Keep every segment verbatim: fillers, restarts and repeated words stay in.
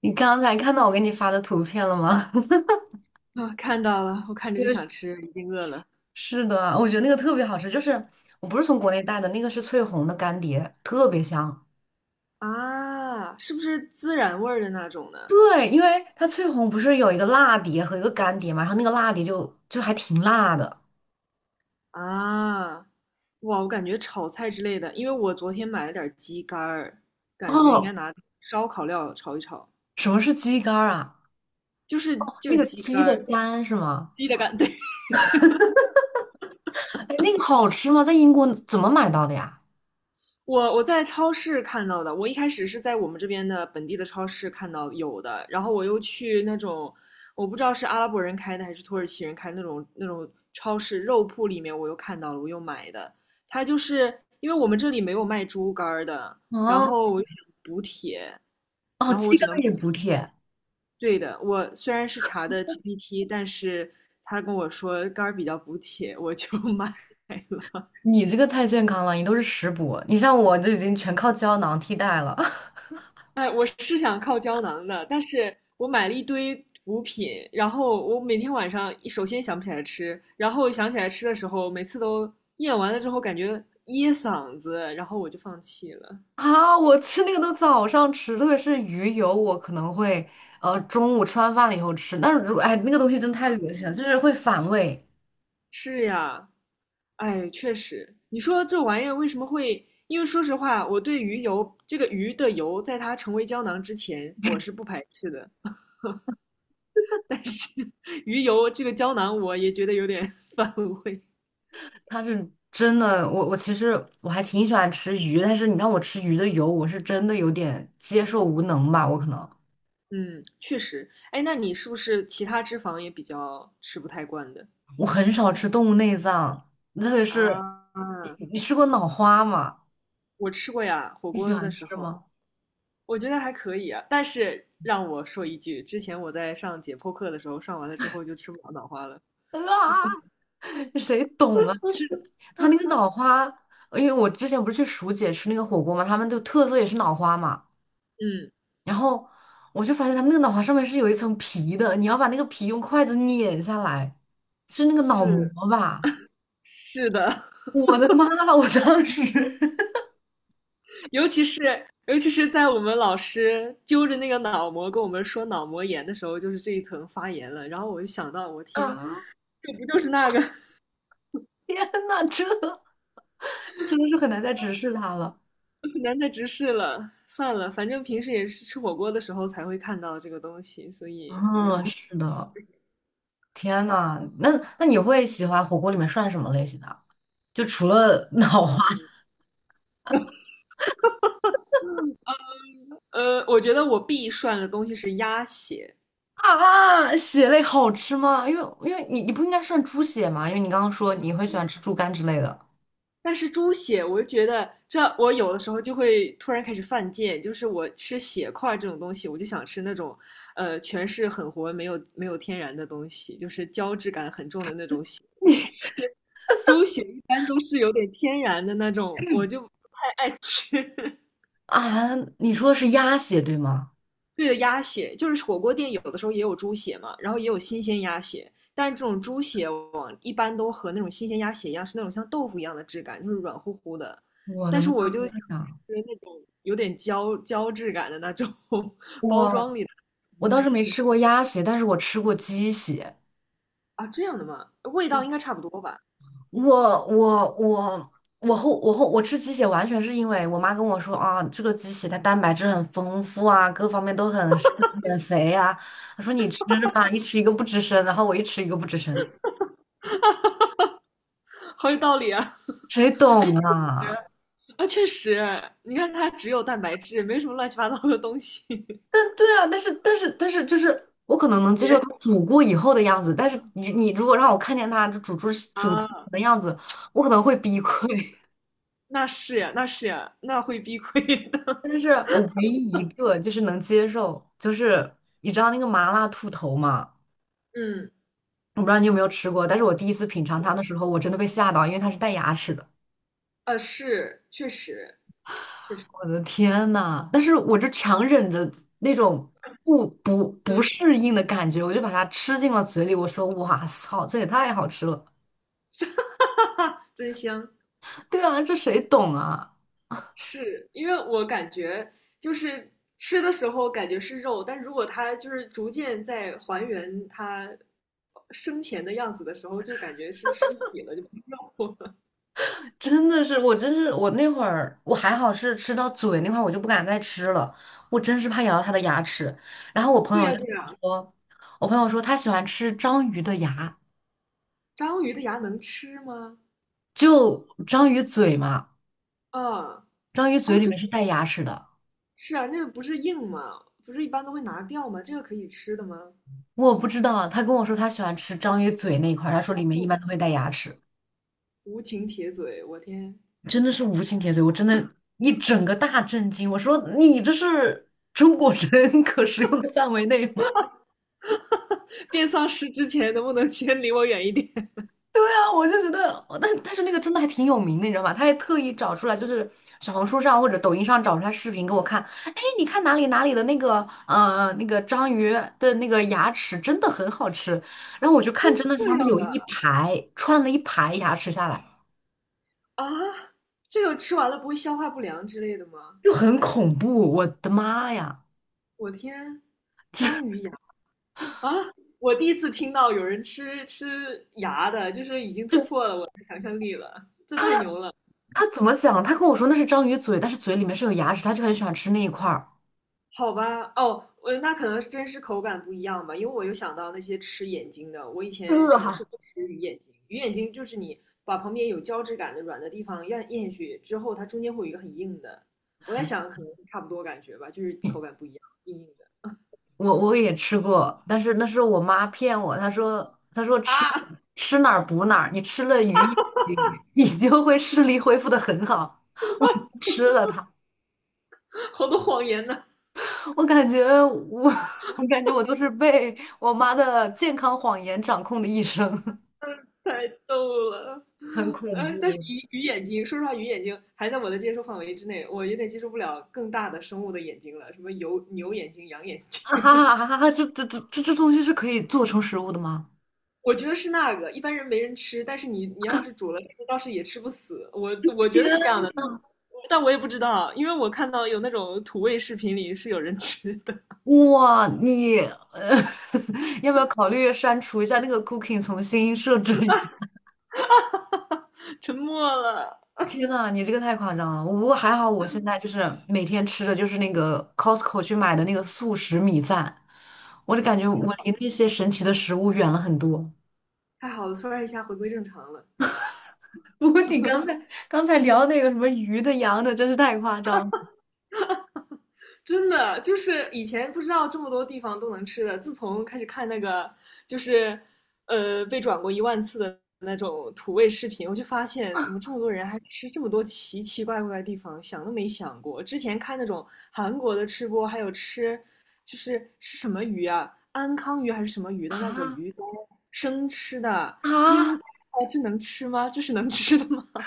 你刚才看到我给你发的图片了吗？啊，看到了，我看 着就就想是吃，已经饿了。是的，我觉得那个特别好吃，就是我不是从国内带的，那个是翠红的干碟，特别香。啊，是不是孜然味儿的那种呢？对，因为它翠红不是有一个辣碟和一个干碟嘛，然后那个辣碟就就还挺辣的。啊，哇，我感觉炒菜之类的，因为我昨天买了点儿鸡肝儿，感觉应该哦，拿烧烤料炒一炒，什么是鸡肝儿啊？就是就那是个鸡肝鸡的儿，肝是吗？鸡的肝，对，哎，那个好吃吗？在英国怎么买到的呀？我我在超市看到的，我一开始是在我们这边的本地的超市看到有的，然后我又去那种我不知道是阿拉伯人开的还是土耳其人开的那种那种超市肉铺里面，我又看到了，我又买的。它就是因为我们这里没有卖猪肝儿的，然啊，后我又想补铁，哦，然后我鸡只肝能买也补铁，对的。我虽然是查的 G P T，但是他跟我说肝儿比较补铁，我就 买了。你这个太健康了，你都是食补，你像我就已经全靠胶囊替代了。哎，我是想靠胶囊的，但是我买了一堆补品，然后我每天晚上首先想不起来吃，然后想起来吃的时候，每次都咽完了之后感觉噎嗓子，然后我就放弃了。啊，我吃那个都早上吃，特别是鱼油，我可能会呃中午吃完饭了以后吃。但是如哎，那个东西真太恶心了，就是会反胃。是呀，哎，确实，你说这玩意儿为什么会？因为说实话，我对鱼油这个鱼的油，在它成为胶囊之前，我是不排斥的。鱼油这个胶囊，我也觉得有点 反胃。它是真的，我我其实我还挺喜欢吃鱼，但是你让我吃鱼的油，我是真的有点接受无能吧。我可能嗯，确实。哎，那你是不是其他脂肪也比较吃不太惯的？我很少吃动物内脏，特别是啊，你你吃过脑花吗？我吃过呀，火你喜锅的欢时吃候，吗？我觉得还可以啊。但是让我说一句，之前我在上解剖课的时候，上完了之后就吃不了脑花了。啊！谁懂啊？就是他那个脑花，因为我之前不是去蜀姐吃那个火锅嘛，他们就特色也是脑花嘛。嗯，然后我就发现他们那个脑花上面是有一层皮的，你要把那个皮用筷子碾下来，是那个脑膜是吧？是的，我的妈！我当时 尤其是尤其是在我们老师揪着那个脑膜跟我们说脑膜炎的时候，就是这一层发炎了。然后我就想到，我天，啊，这不就是那个？天呐，这这真的是很难再直视它了。难再直视了，算了，反正平时也是吃火锅的时候才会看到这个东西，所以也嗯，无是的，天呐，那那你会喜欢火锅里面涮什么类型的？就除了脑花。呃，我觉得我必涮的东西是鸭血，啊，血类好吃吗？因为因为你你不应该算猪血吗？因为你刚刚说你会喜欢吃猪肝之类的但是猪血，我就觉得这我有的时候就会突然开始犯贱，就是我吃血块这种东西，我就想吃那种呃全是很活没有没有天然的东西，就是胶质感很重的那种血。你猪血一般都是有点天然的那种，我就不太爱吃。啊，你说的是鸭血对吗？对的，鸭血就是火锅店有的时候也有猪血嘛，然后也有新鲜鸭血，但是这种猪血往一般都和那种新鲜鸭血一样，是那种像豆腐一样的质感，就是软乎乎的。我的但是妈我就想呀！吃那种有点胶胶质感的那种 包我装里的我倒鸭是没血吃过鸭血，但是我吃过鸡血。啊，这样的吗？味道应该差不多吧？我我我我后我后我吃鸡血完全是因为我妈跟我说啊，这个鸡血它蛋白质很丰富啊，各方面都很适合减肥啊。她说你吃吧，一吃一个不吱声，然后我一吃一个不吱声，好有道理啊！谁哎懂啊？啊，确实，你看它只有蛋白质，没什么乱七八糟的东西。对啊，但是但是但是，就是我可能能接受姐它煮过以后的样子，但是你你如果让我看见它就煮出煮之前啊，的样子，我可能会崩溃。那是呀，那是呀，那会避亏 的。但是我唯一一个就是能接受，就是你知道那个麻辣兔头嘛？嗯，我不知道你有没有吃过，但是我第一次品尝它的时候，我真的被吓到，因为它是带牙齿的。呃，是，确实，确实，我的天呐！但是我就强忍着那种不不不嗯，适应的感觉，我就把它吃进了嘴里。我说："哇操，这也太好吃了！" 真香。对啊，这谁懂啊？是因为我感觉就是吃的时候感觉是肉，但如果它就是逐渐在还原它生前的样子的时候，就感觉是尸体了，就不是肉了。真的是，我真是，我那会儿我还好是吃到嘴那块儿，我就不敢再吃了，我真是怕咬到他的牙齿。然后我 朋对友呀，就对跟我呀，说，我朋友说他喜欢吃章鱼的牙，章鱼的牙能吃吗？就章鱼嘴嘛，啊，章鱼嘴哦，里这面是带牙齿的，是啊，那个不是硬吗？不是一般都会拿掉吗？这个可以吃的吗？我不知道。他跟我说他喜欢吃章鱼嘴那一块儿他说里面一哦，般都会带牙齿，无情铁嘴，我天！真的是无心铁嘴，我真的，一整个大震惊。我说你这是中国人 可食用的范围内吗？变丧尸之前能不能先离我远一点？对啊，我就觉得，哦但但是那个真的还挺有名的，你知道吗？他还特意找出来，就是小红书上或者抖音上找出来视频给我看。哎，你看哪里哪里的那个呃那个章鱼的那个牙齿真的很好吃，然后我就看，真的是这他们样有的一排串了一排牙齿下来，啊？这个吃完了不会消化不良之类的吗？就很恐怖，我的妈呀！我天，章鱼牙啊！我第一次听到有人吃吃牙的，就是已经突就破了我，这太牛了。他怎么讲？他跟我说那是章鱼嘴，但是嘴里面是有牙齿，他就很喜欢吃那一块儿。好吧，哦，我那可能真是口感不一样吧，因为我又想到那些吃眼睛的，我以前尝呃试过吃鱼眼睛，鱼眼睛就是你把旁边有胶质感的软的地方咽咽下去之后，它中间会有一个很硬的，我在想可能差不多感觉吧，就是口感不一样，硬硬的我我也吃过，但是那是我妈骗我，她说她说吃啊，吃哪儿补哪儿，你吃了鱼眼睛 你就会视力恢复的很好。吃了它，好多谎言呢。我感觉我 我感觉我都是被我妈的健康谎言掌控的一生，太逗了，很恐哎，但是怖鱼鱼眼睛，说实话，鱼眼睛还在我的接受范围之内，我有点接受不了更大的生物的眼睛了，什么牛牛眼睛、羊眼啊！睛，哈哈哈这这这这这东西是可以做成食物的吗？我觉得是那个，一般人没人吃，但是你你要是煮了吃，倒是也吃不死，我我觉得是这样的，但但我也不知道，因为我看到有那种土味视频里是有人吃的，哇，你呃，要不要考虑删除一下那个 cooking,重新设置一下？沉默了，天呐，你这个太夸张了！我不过还好，我现在就是每天吃的就是那个 Costco 去买的那个速食米饭，我就感觉挺我好，离那些神奇的食物远了很多。太好了，突然一下回归正常了。不过你刚才刚才聊那个什么鱼的、羊的，真是太夸张了真的就是以前不知道这么多地方都能吃的，自从开始看那个就是呃被转过一万次的那种土味视频，我就发现怎么这么多人还吃这么多奇奇怪怪的地方，想都没想过。之前看那种韩国的吃播，还有吃就是是什么鱼啊，安康鱼还是什么鱼的那个啊鱼干生吃的，金啊！带这能吃吗？这是能吃的吗？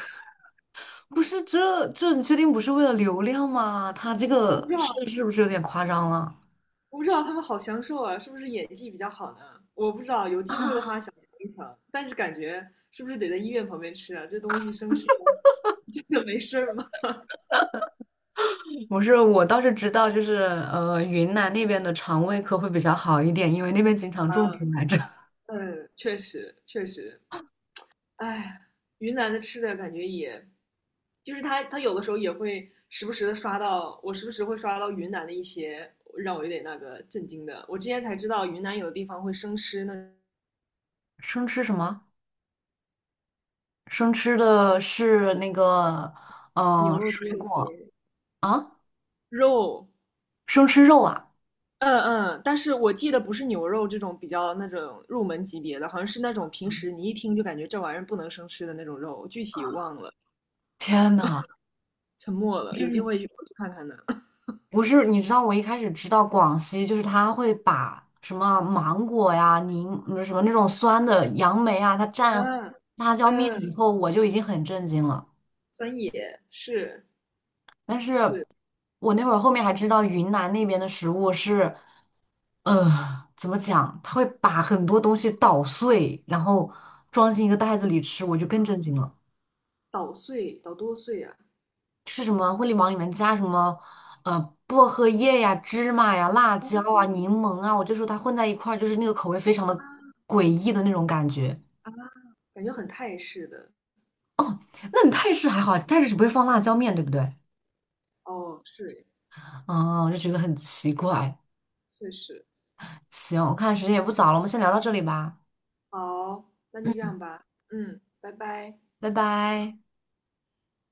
不是这这，你确定不是为了流量吗？他这 我个不知道，吃的是不是有点夸张了？我不知道他们好享受啊，是不是演技比较好呢？我不知道，有机会的啊，话想尝一尝，但是感觉是不是得在医院旁边吃啊？这东西生吃了 真的没事儿吗？不是，我倒是知道，就是呃，云南那边的肠胃科会比较好一点，因为那边经 常啊，种田来着。嗯，确实确实，哎，云南的吃的感觉也，就是他他有的时候也会时不时的刷到，我时不时会刷到云南的一些让我有点那个震惊的，我之前才知道云南有的地方会生吃那 生吃什么？生吃的是那个，呃，牛肉、猪水肉之类果的啊，肉，生吃肉啊！嗯嗯，但是我记得不是牛肉这种比较那种入门级别的，好像是那种平时你一听就感觉这玩意儿不能生吃的那种肉，具体忘了，天呐，沉默了，有机嗯会去我去看看呢。不是，你知道我一开始知道广西，就是他会把什么芒果呀、柠嗯什么那种酸的杨梅啊，它蘸嗯辣椒面嗯，以后，我就已经很震惊了。酸野是但是我那会儿后面还知道云南那边的食物是，呃，怎么讲，他会把很多东西捣碎，然后装进一个袋子里吃，我就更震惊了。捣碎，捣多碎啊，是什么会里往里面加什么，呃，薄荷叶呀、芝麻呀、辣椒啊、柠檬啊，我就说它混在一块儿，就是那个口味非常的诡异的那种感觉。感觉很泰式的。那你泰式还好，泰式只不会放辣椒面对不对？哦，是，嗯，我就觉得很奇怪。确实。行，我看时间也不早了，我们先聊到这里吧。好，那就这嗯，样吧。嗯，拜拜。拜拜。